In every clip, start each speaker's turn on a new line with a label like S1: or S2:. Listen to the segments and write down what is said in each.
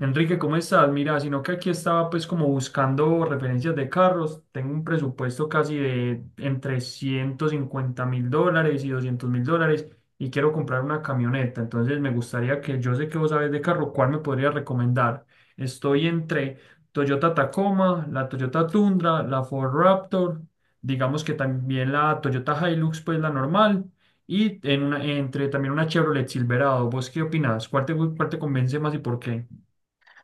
S1: Enrique, ¿cómo estás? Mira, sino que aquí estaba pues como buscando referencias de carros. Tengo un presupuesto casi de entre $150,000 y $200,000 y quiero comprar una camioneta. Entonces me gustaría que yo sé que vos sabés de carro, ¿cuál me podría recomendar? Estoy entre Toyota Tacoma, la Toyota Tundra, la Ford Raptor, digamos que también la Toyota Hilux, pues la normal. Y entre también una Chevrolet Silverado. ¿Vos qué opinás? ¿Cuál te convence más y por qué?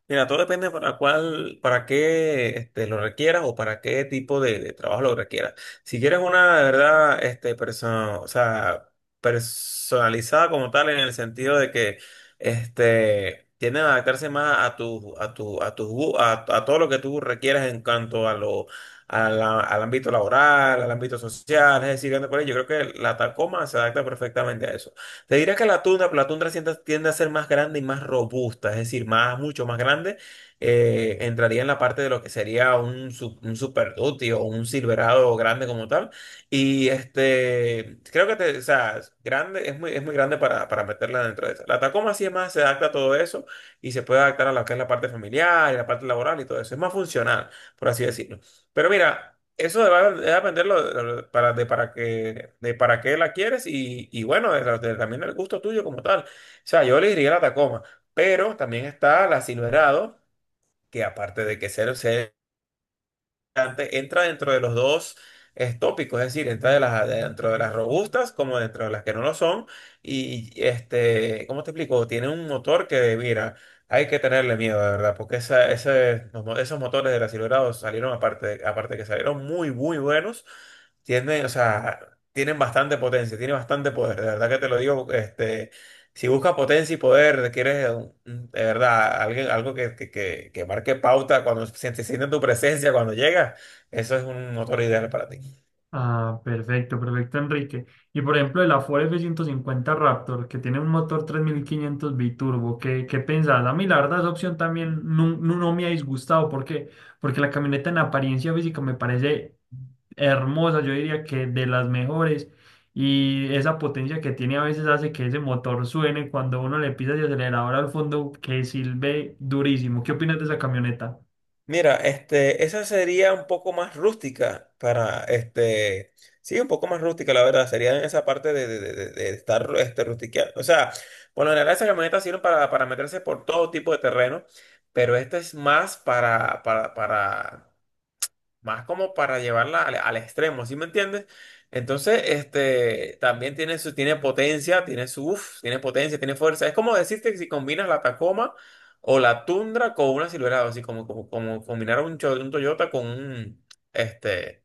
S2: Mira, todo depende para cuál, para qué lo requieras o para qué tipo de trabajo lo requieras. Si quieres una, de verdad, personalizada como tal, en el sentido de que tienden a adaptarse más a tu, a tu, a tu, gu- a todo lo que tú requieras en cuanto a lo, al ámbito laboral, al ámbito social, es decir, ando por ahí, yo creo que la Tacoma se adapta perfectamente a eso. Te diría que la Tundra, pero la Tundra tiende a ser más grande y más robusta, es decir, mucho más grande. Entraría en la parte de lo que sería un Super Duty o un Silverado grande como tal. Y creo que te, o sea, es grande, es muy grande para meterla dentro de esa. La Tacoma sí se adapta a todo eso y se puede adaptar a lo que es la parte familiar y la parte laboral y todo eso. Es más funcional, por así decirlo. Pero mira, eso va a dependerlo de para que de para qué la quieres y bueno, también del gusto tuyo como tal. O sea, yo le diría la Tacoma, pero también está la Silverado, que aparte de que entra dentro de los dos tópicos, es decir, dentro de las robustas como dentro de las que no lo son. Y ¿cómo te explico? Tiene un motor que, mira, hay que tenerle miedo, de verdad, porque esa, ese- los mo- esos motores del acelerado salieron, aparte que salieron muy, muy buenos, tienen, o sea, tienen bastante potencia, tienen bastante poder, de verdad que te lo digo. Si buscas potencia y poder, quieres de verdad algo que marque pauta cuando se siente tu presencia, cuando llegas, eso es un motor ideal para ti.
S1: Ah, perfecto, perfecto, Enrique. Y por ejemplo, el Afore F-150 Raptor, que tiene un motor 3500 biturbo, ¿qué pensás? A mí, la verdad, esa opción también no, no, no me ha disgustado. ¿Por qué? Porque la camioneta en apariencia física me parece hermosa, yo diría que de las mejores. Y esa potencia que tiene a veces hace que ese motor suene cuando uno le pisa el acelerador al fondo, que silbe durísimo. ¿Qué opinas de esa camioneta?
S2: Mira, esa sería un poco más rústica para, sí, un poco más rústica, la verdad, sería en esa parte de estar rustiqueando. O sea, por lo general esas camionetas sirven para meterse por todo tipo de terreno, pero esta es más para más como para llevarla al extremo, ¿sí me entiendes? Entonces, también tiene potencia, tiene potencia, tiene fuerza. Es como decirte que si combinas la Tacoma o la Tundra con una Silverado, así como combinar un Toyota con este,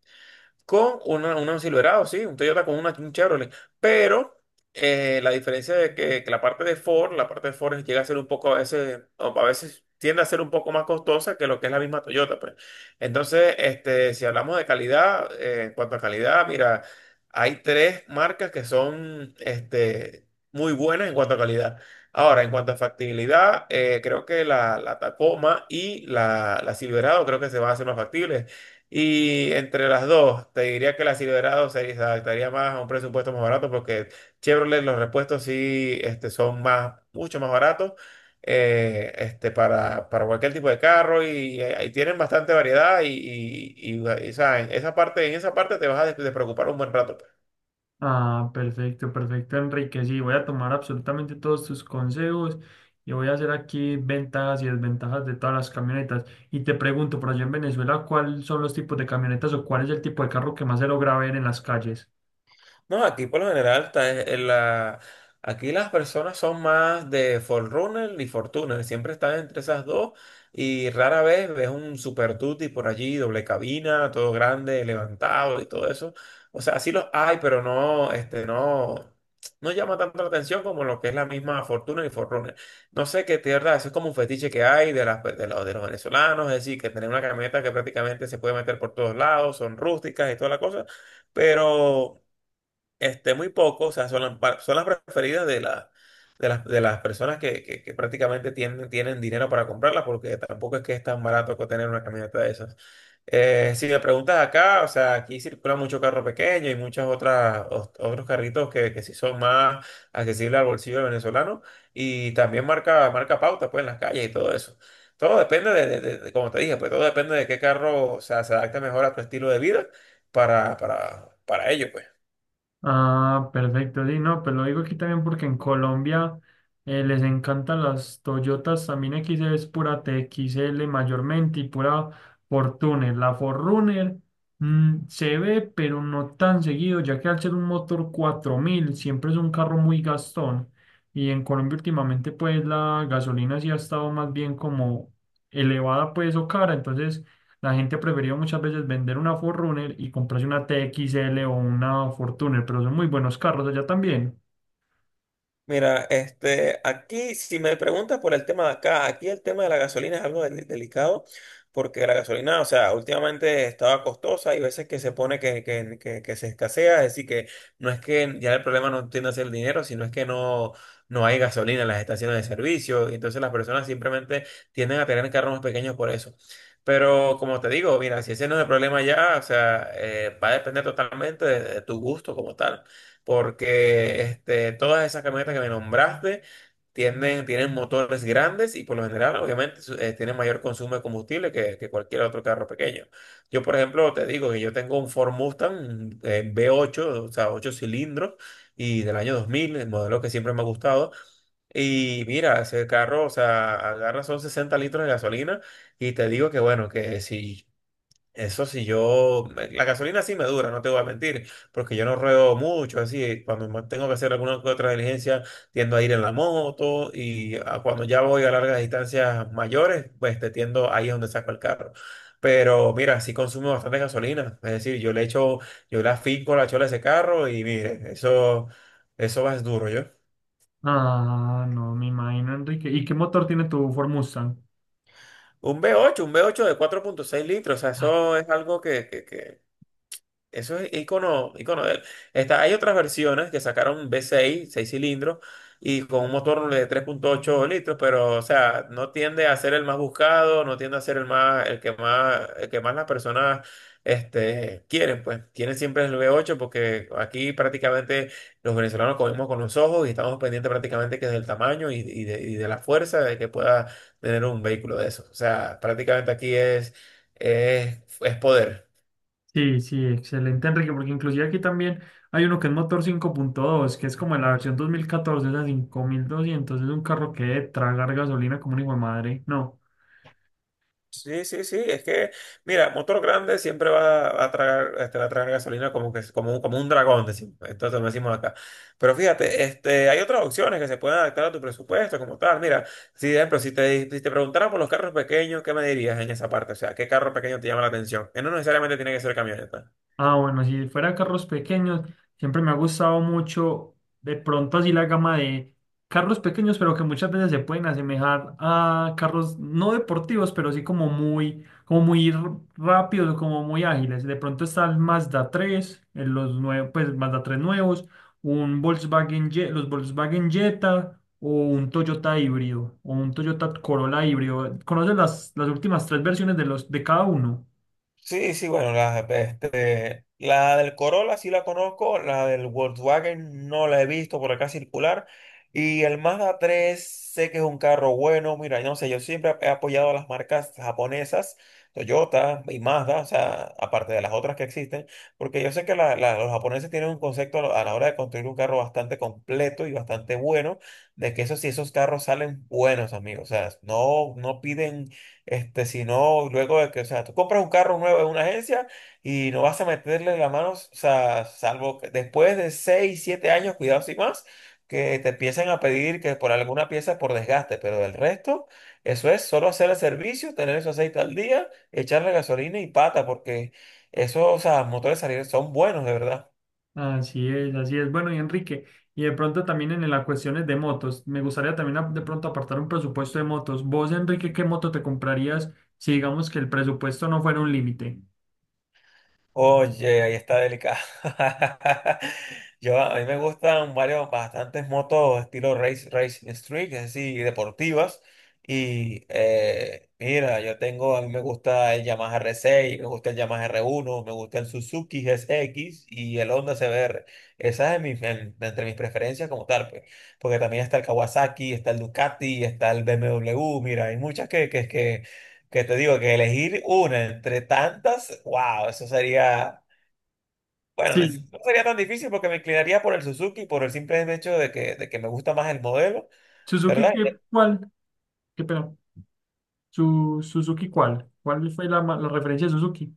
S2: con una Silverado, sí, un Toyota con un Chevrolet. Pero la diferencia de que la parte de Ford llega a ser un poco a veces, o a veces tiende a ser un poco más costosa que lo que es la misma Toyota, pues. Entonces, si hablamos de calidad, en cuanto a calidad, mira, hay tres marcas que son muy buenas en cuanto a calidad. Ahora, en cuanto a factibilidad, creo que la Tacoma y la Silverado creo que se van a hacer más factibles. Y entre las dos, te diría que la Silverado se adaptaría más a un presupuesto más barato porque Chevrolet los repuestos sí son mucho más baratos para cualquier tipo de carro y, ahí tienen bastante variedad en esa parte te vas a despreocupar un buen rato.
S1: Ah, perfecto, perfecto, Enrique. Sí, voy a tomar absolutamente todos tus consejos y voy a hacer aquí ventajas y desventajas de todas las camionetas. Y te pregunto, por allá en Venezuela, ¿cuáles son los tipos de camionetas o cuál es el tipo de carro que más se logra ver en las calles?
S2: No, aquí por lo general está Aquí las personas son más de Forerunner y Fortuner, siempre están entre esas dos y rara vez ves un Super Tutti por allí, doble cabina, todo grande, levantado y todo eso. O sea, sí los hay, pero no, no llama tanto la atención como lo que es la misma Fortuner y Forerunner. No sé qué tierra, eso es como un fetiche que hay de los venezolanos, es decir, que tener una camioneta que prácticamente se puede meter por todos lados, son rústicas y toda la cosa, pero... Muy poco, o sea, son las preferidas de las personas que prácticamente tienen dinero para comprarlas, porque tampoco es que es tan barato que tener una camioneta de esas. Si me preguntas acá, o sea, aquí circula mucho carro pequeño y otros carritos que sí son más accesibles al bolsillo del venezolano y también marca pauta pues, en las calles y todo eso. Todo depende como te dije, pues todo depende de qué carro, o sea, se adapte mejor a tu estilo de vida para ello, pues.
S1: Ah, perfecto, sí, no, pero lo digo aquí también porque en Colombia les encantan las Toyotas, también XL es pura TXL mayormente y pura Fortuner. La Fortuner se ve, pero no tan seguido, ya que al ser un motor 4000 siempre es un carro muy gastón y en Colombia últimamente pues la gasolina sí ha estado más bien como elevada pues o cara, entonces la gente prefirió muchas veces vender una 4 y comprarse una T X L o una Fortuner, pero son muy buenos carros allá también.
S2: Mira, aquí, si me preguntas por el tema de acá, aquí el tema de la gasolina es algo delicado, porque la gasolina, o sea, últimamente estaba costosa y veces que se pone que se escasea, es decir, que no es que ya el problema no tiende a ser el dinero, sino es que no hay gasolina en las estaciones de servicio, y entonces las personas simplemente tienden a tener carros más pequeños por eso. Pero como te digo, mira, si ese no es el problema ya, o sea, va a depender totalmente de tu gusto como tal porque todas esas camionetas que me nombraste tienen motores grandes y por lo general, obviamente, tienen mayor consumo de combustible que cualquier otro carro pequeño. Yo, por ejemplo, te digo que yo tengo un Ford Mustang V8, o sea, 8 cilindros y del año 2000, el modelo que siempre me ha gustado. Y mira, ese carro, o sea, agarra son 60 litros de gasolina y te digo que bueno, que si eso sí, yo, la gasolina sí me dura, no te voy a mentir, porque yo no ruedo mucho, así, cuando tengo que hacer alguna que otra diligencia, tiendo a ir en la moto cuando ya voy a largas distancias mayores, pues te tiendo ahí es donde saco el carro. Pero mira, sí consumo bastante gasolina, es decir, yo le afinco la chola a ese carro y mire, eso va es duro, yo.
S1: Ah, no, me imagino, Enrique. ¿Y qué motor tiene tu Ford Mustang?
S2: Un V8 de 4.6 litros, o sea,
S1: Ah,
S2: eso es algo que Eso es icono, icono de él. Hay otras versiones que sacaron V6, seis cilindros, y con un motor de 3.8 litros, pero, o sea, no tiende a ser el más buscado, no tiende a ser el más, el que más, el que más las personas, quieren, pues. Quieren siempre el V8 porque aquí prácticamente los venezolanos comemos con los ojos y estamos pendientes prácticamente que del tamaño y de la fuerza de que pueda tener un vehículo de esos. O sea, prácticamente aquí es poder.
S1: sí, sí, excelente, Enrique, porque inclusive aquí también hay uno que es motor 5.2, que es como en la versión 2014 esa 5,200, es un carro que debe tragar gasolina como un hijo de madre. No.
S2: Sí, sí, sí, es que, mira, motor grande siempre va a tragar, va a tragar gasolina como un dragón, decimos, entonces lo decimos acá. Pero fíjate, hay otras opciones que se pueden adaptar a tu presupuesto como tal. Mira, si, por ejemplo, si te preguntara por los carros pequeños, ¿qué me dirías en esa parte? O sea, ¿qué carro pequeño te llama la atención? Que no necesariamente tiene que ser camioneta.
S1: Ah, bueno, si fuera carros pequeños, siempre me ha gustado mucho, de pronto así la gama de carros pequeños, pero que muchas veces se pueden asemejar a carros no deportivos, pero sí como muy rápidos, como muy ágiles. De pronto está el Mazda 3, los nuevos, pues Mazda 3 nuevos, un Volkswagen, los Volkswagen Jetta o un Toyota híbrido o un Toyota Corolla híbrido. ¿Conoces las últimas tres versiones de los de cada uno?
S2: Sí, sí, bueno, la del Corolla sí la conozco, la del Volkswagen no la he visto por acá circular y el Mazda 3 sé que es un carro bueno, mira, yo no sé, yo siempre he apoyado a las marcas japonesas, Toyota y Mazda, o sea, aparte de las otras que existen, porque yo sé que los japoneses tienen un concepto a la hora de construir un carro bastante completo y bastante bueno, de que eso sí, esos carros salen buenos, amigos, o sea, no piden si no, luego de que, o sea, tú compras un carro nuevo en una agencia y no vas a meterle las manos, o sea, salvo que después de 6 7 años, cuidado sin más, que te empiezan a pedir que por alguna pieza por desgaste, pero del resto, eso es solo hacer el servicio, tener ese aceite al día, echarle gasolina y pata, porque esos, o sea, motores salieron son buenos, de verdad.
S1: Así es, así es. Bueno, y Enrique, y de pronto también en las cuestiones de motos, me gustaría también de pronto apartar un presupuesto de motos. Vos, Enrique, ¿qué moto te comprarías si digamos que el presupuesto no fuera un límite?
S2: Oye, ahí está delicado. Yo, a mí me gustan bastantes motos estilo race, race street, es decir, deportivas. Y mira, a mí me gusta el Yamaha R6, me gusta el Yamaha R1, me gusta el Suzuki GSX y el Honda CBR. Esa es entre mis preferencias como tal, pues. Porque también está el Kawasaki, está el Ducati, está el BMW. Mira, hay muchas que te digo que elegir una entre tantas, wow, eso sería, bueno, no
S1: Sí.
S2: sería tan difícil porque me inclinaría por el Suzuki por el simple hecho de que me gusta más el modelo,
S1: Suzuki,
S2: ¿verdad?
S1: ¿qué, cuál? ¿Qué pena? Suzuki, ¿cuál? ¿Cuál fue la referencia de Suzuki?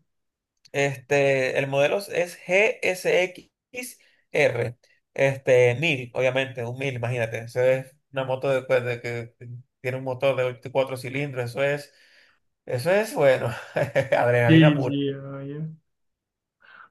S2: El modelo es GSX-R, 1000 obviamente, un 1000 imagínate. Eso es una moto de que tiene un motor de 4 cilindros, eso es, bueno, adrenalina
S1: Sí, sí, ah, ya.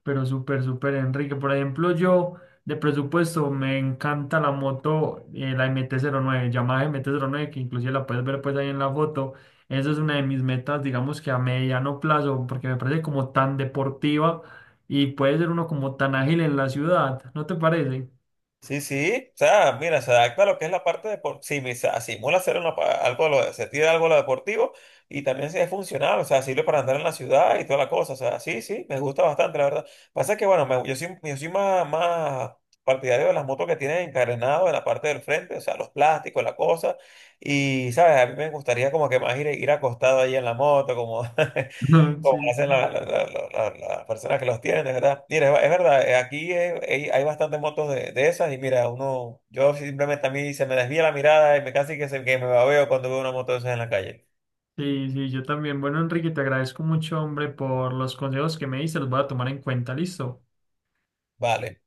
S1: Pero súper, súper, Enrique. Por ejemplo, yo de presupuesto me encanta la moto, la MT-09, Yamaha M T cero nueve que inclusive la puedes ver pues ahí en la foto. Esa es una de mis metas, digamos que a mediano plazo, porque me parece como tan deportiva y puede ser uno como tan ágil en la ciudad, ¿no te parece?
S2: Sí, sí, o sea, mira, se adapta a lo que es la parte deportiva, simula hacer algo, se tira algo a lo deportivo y también sí es funcional, o sea, sirve para andar en la ciudad y toda la cosa, o sea, sí, sí, me gusta bastante, la verdad. Pasa que, bueno, yo soy más partidario de las motos que tienen encarenado en la parte del frente, o sea, los plásticos, la cosa, y, ¿sabes? A mí me gustaría como que más ir acostado ahí en la moto, como, como hacen las personas que los tienen, de verdad. Mira, es verdad, aquí hay bastantes motos de esas y mira, yo simplemente a mí se me desvía la mirada y me casi que, que me babeo cuando veo una moto de esas en la calle.
S1: Sí, sí, sí, yo también. Bueno, Enrique, te agradezco mucho, hombre, por los consejos que me diste, los voy a tomar en cuenta, ¿listo?
S2: Vale.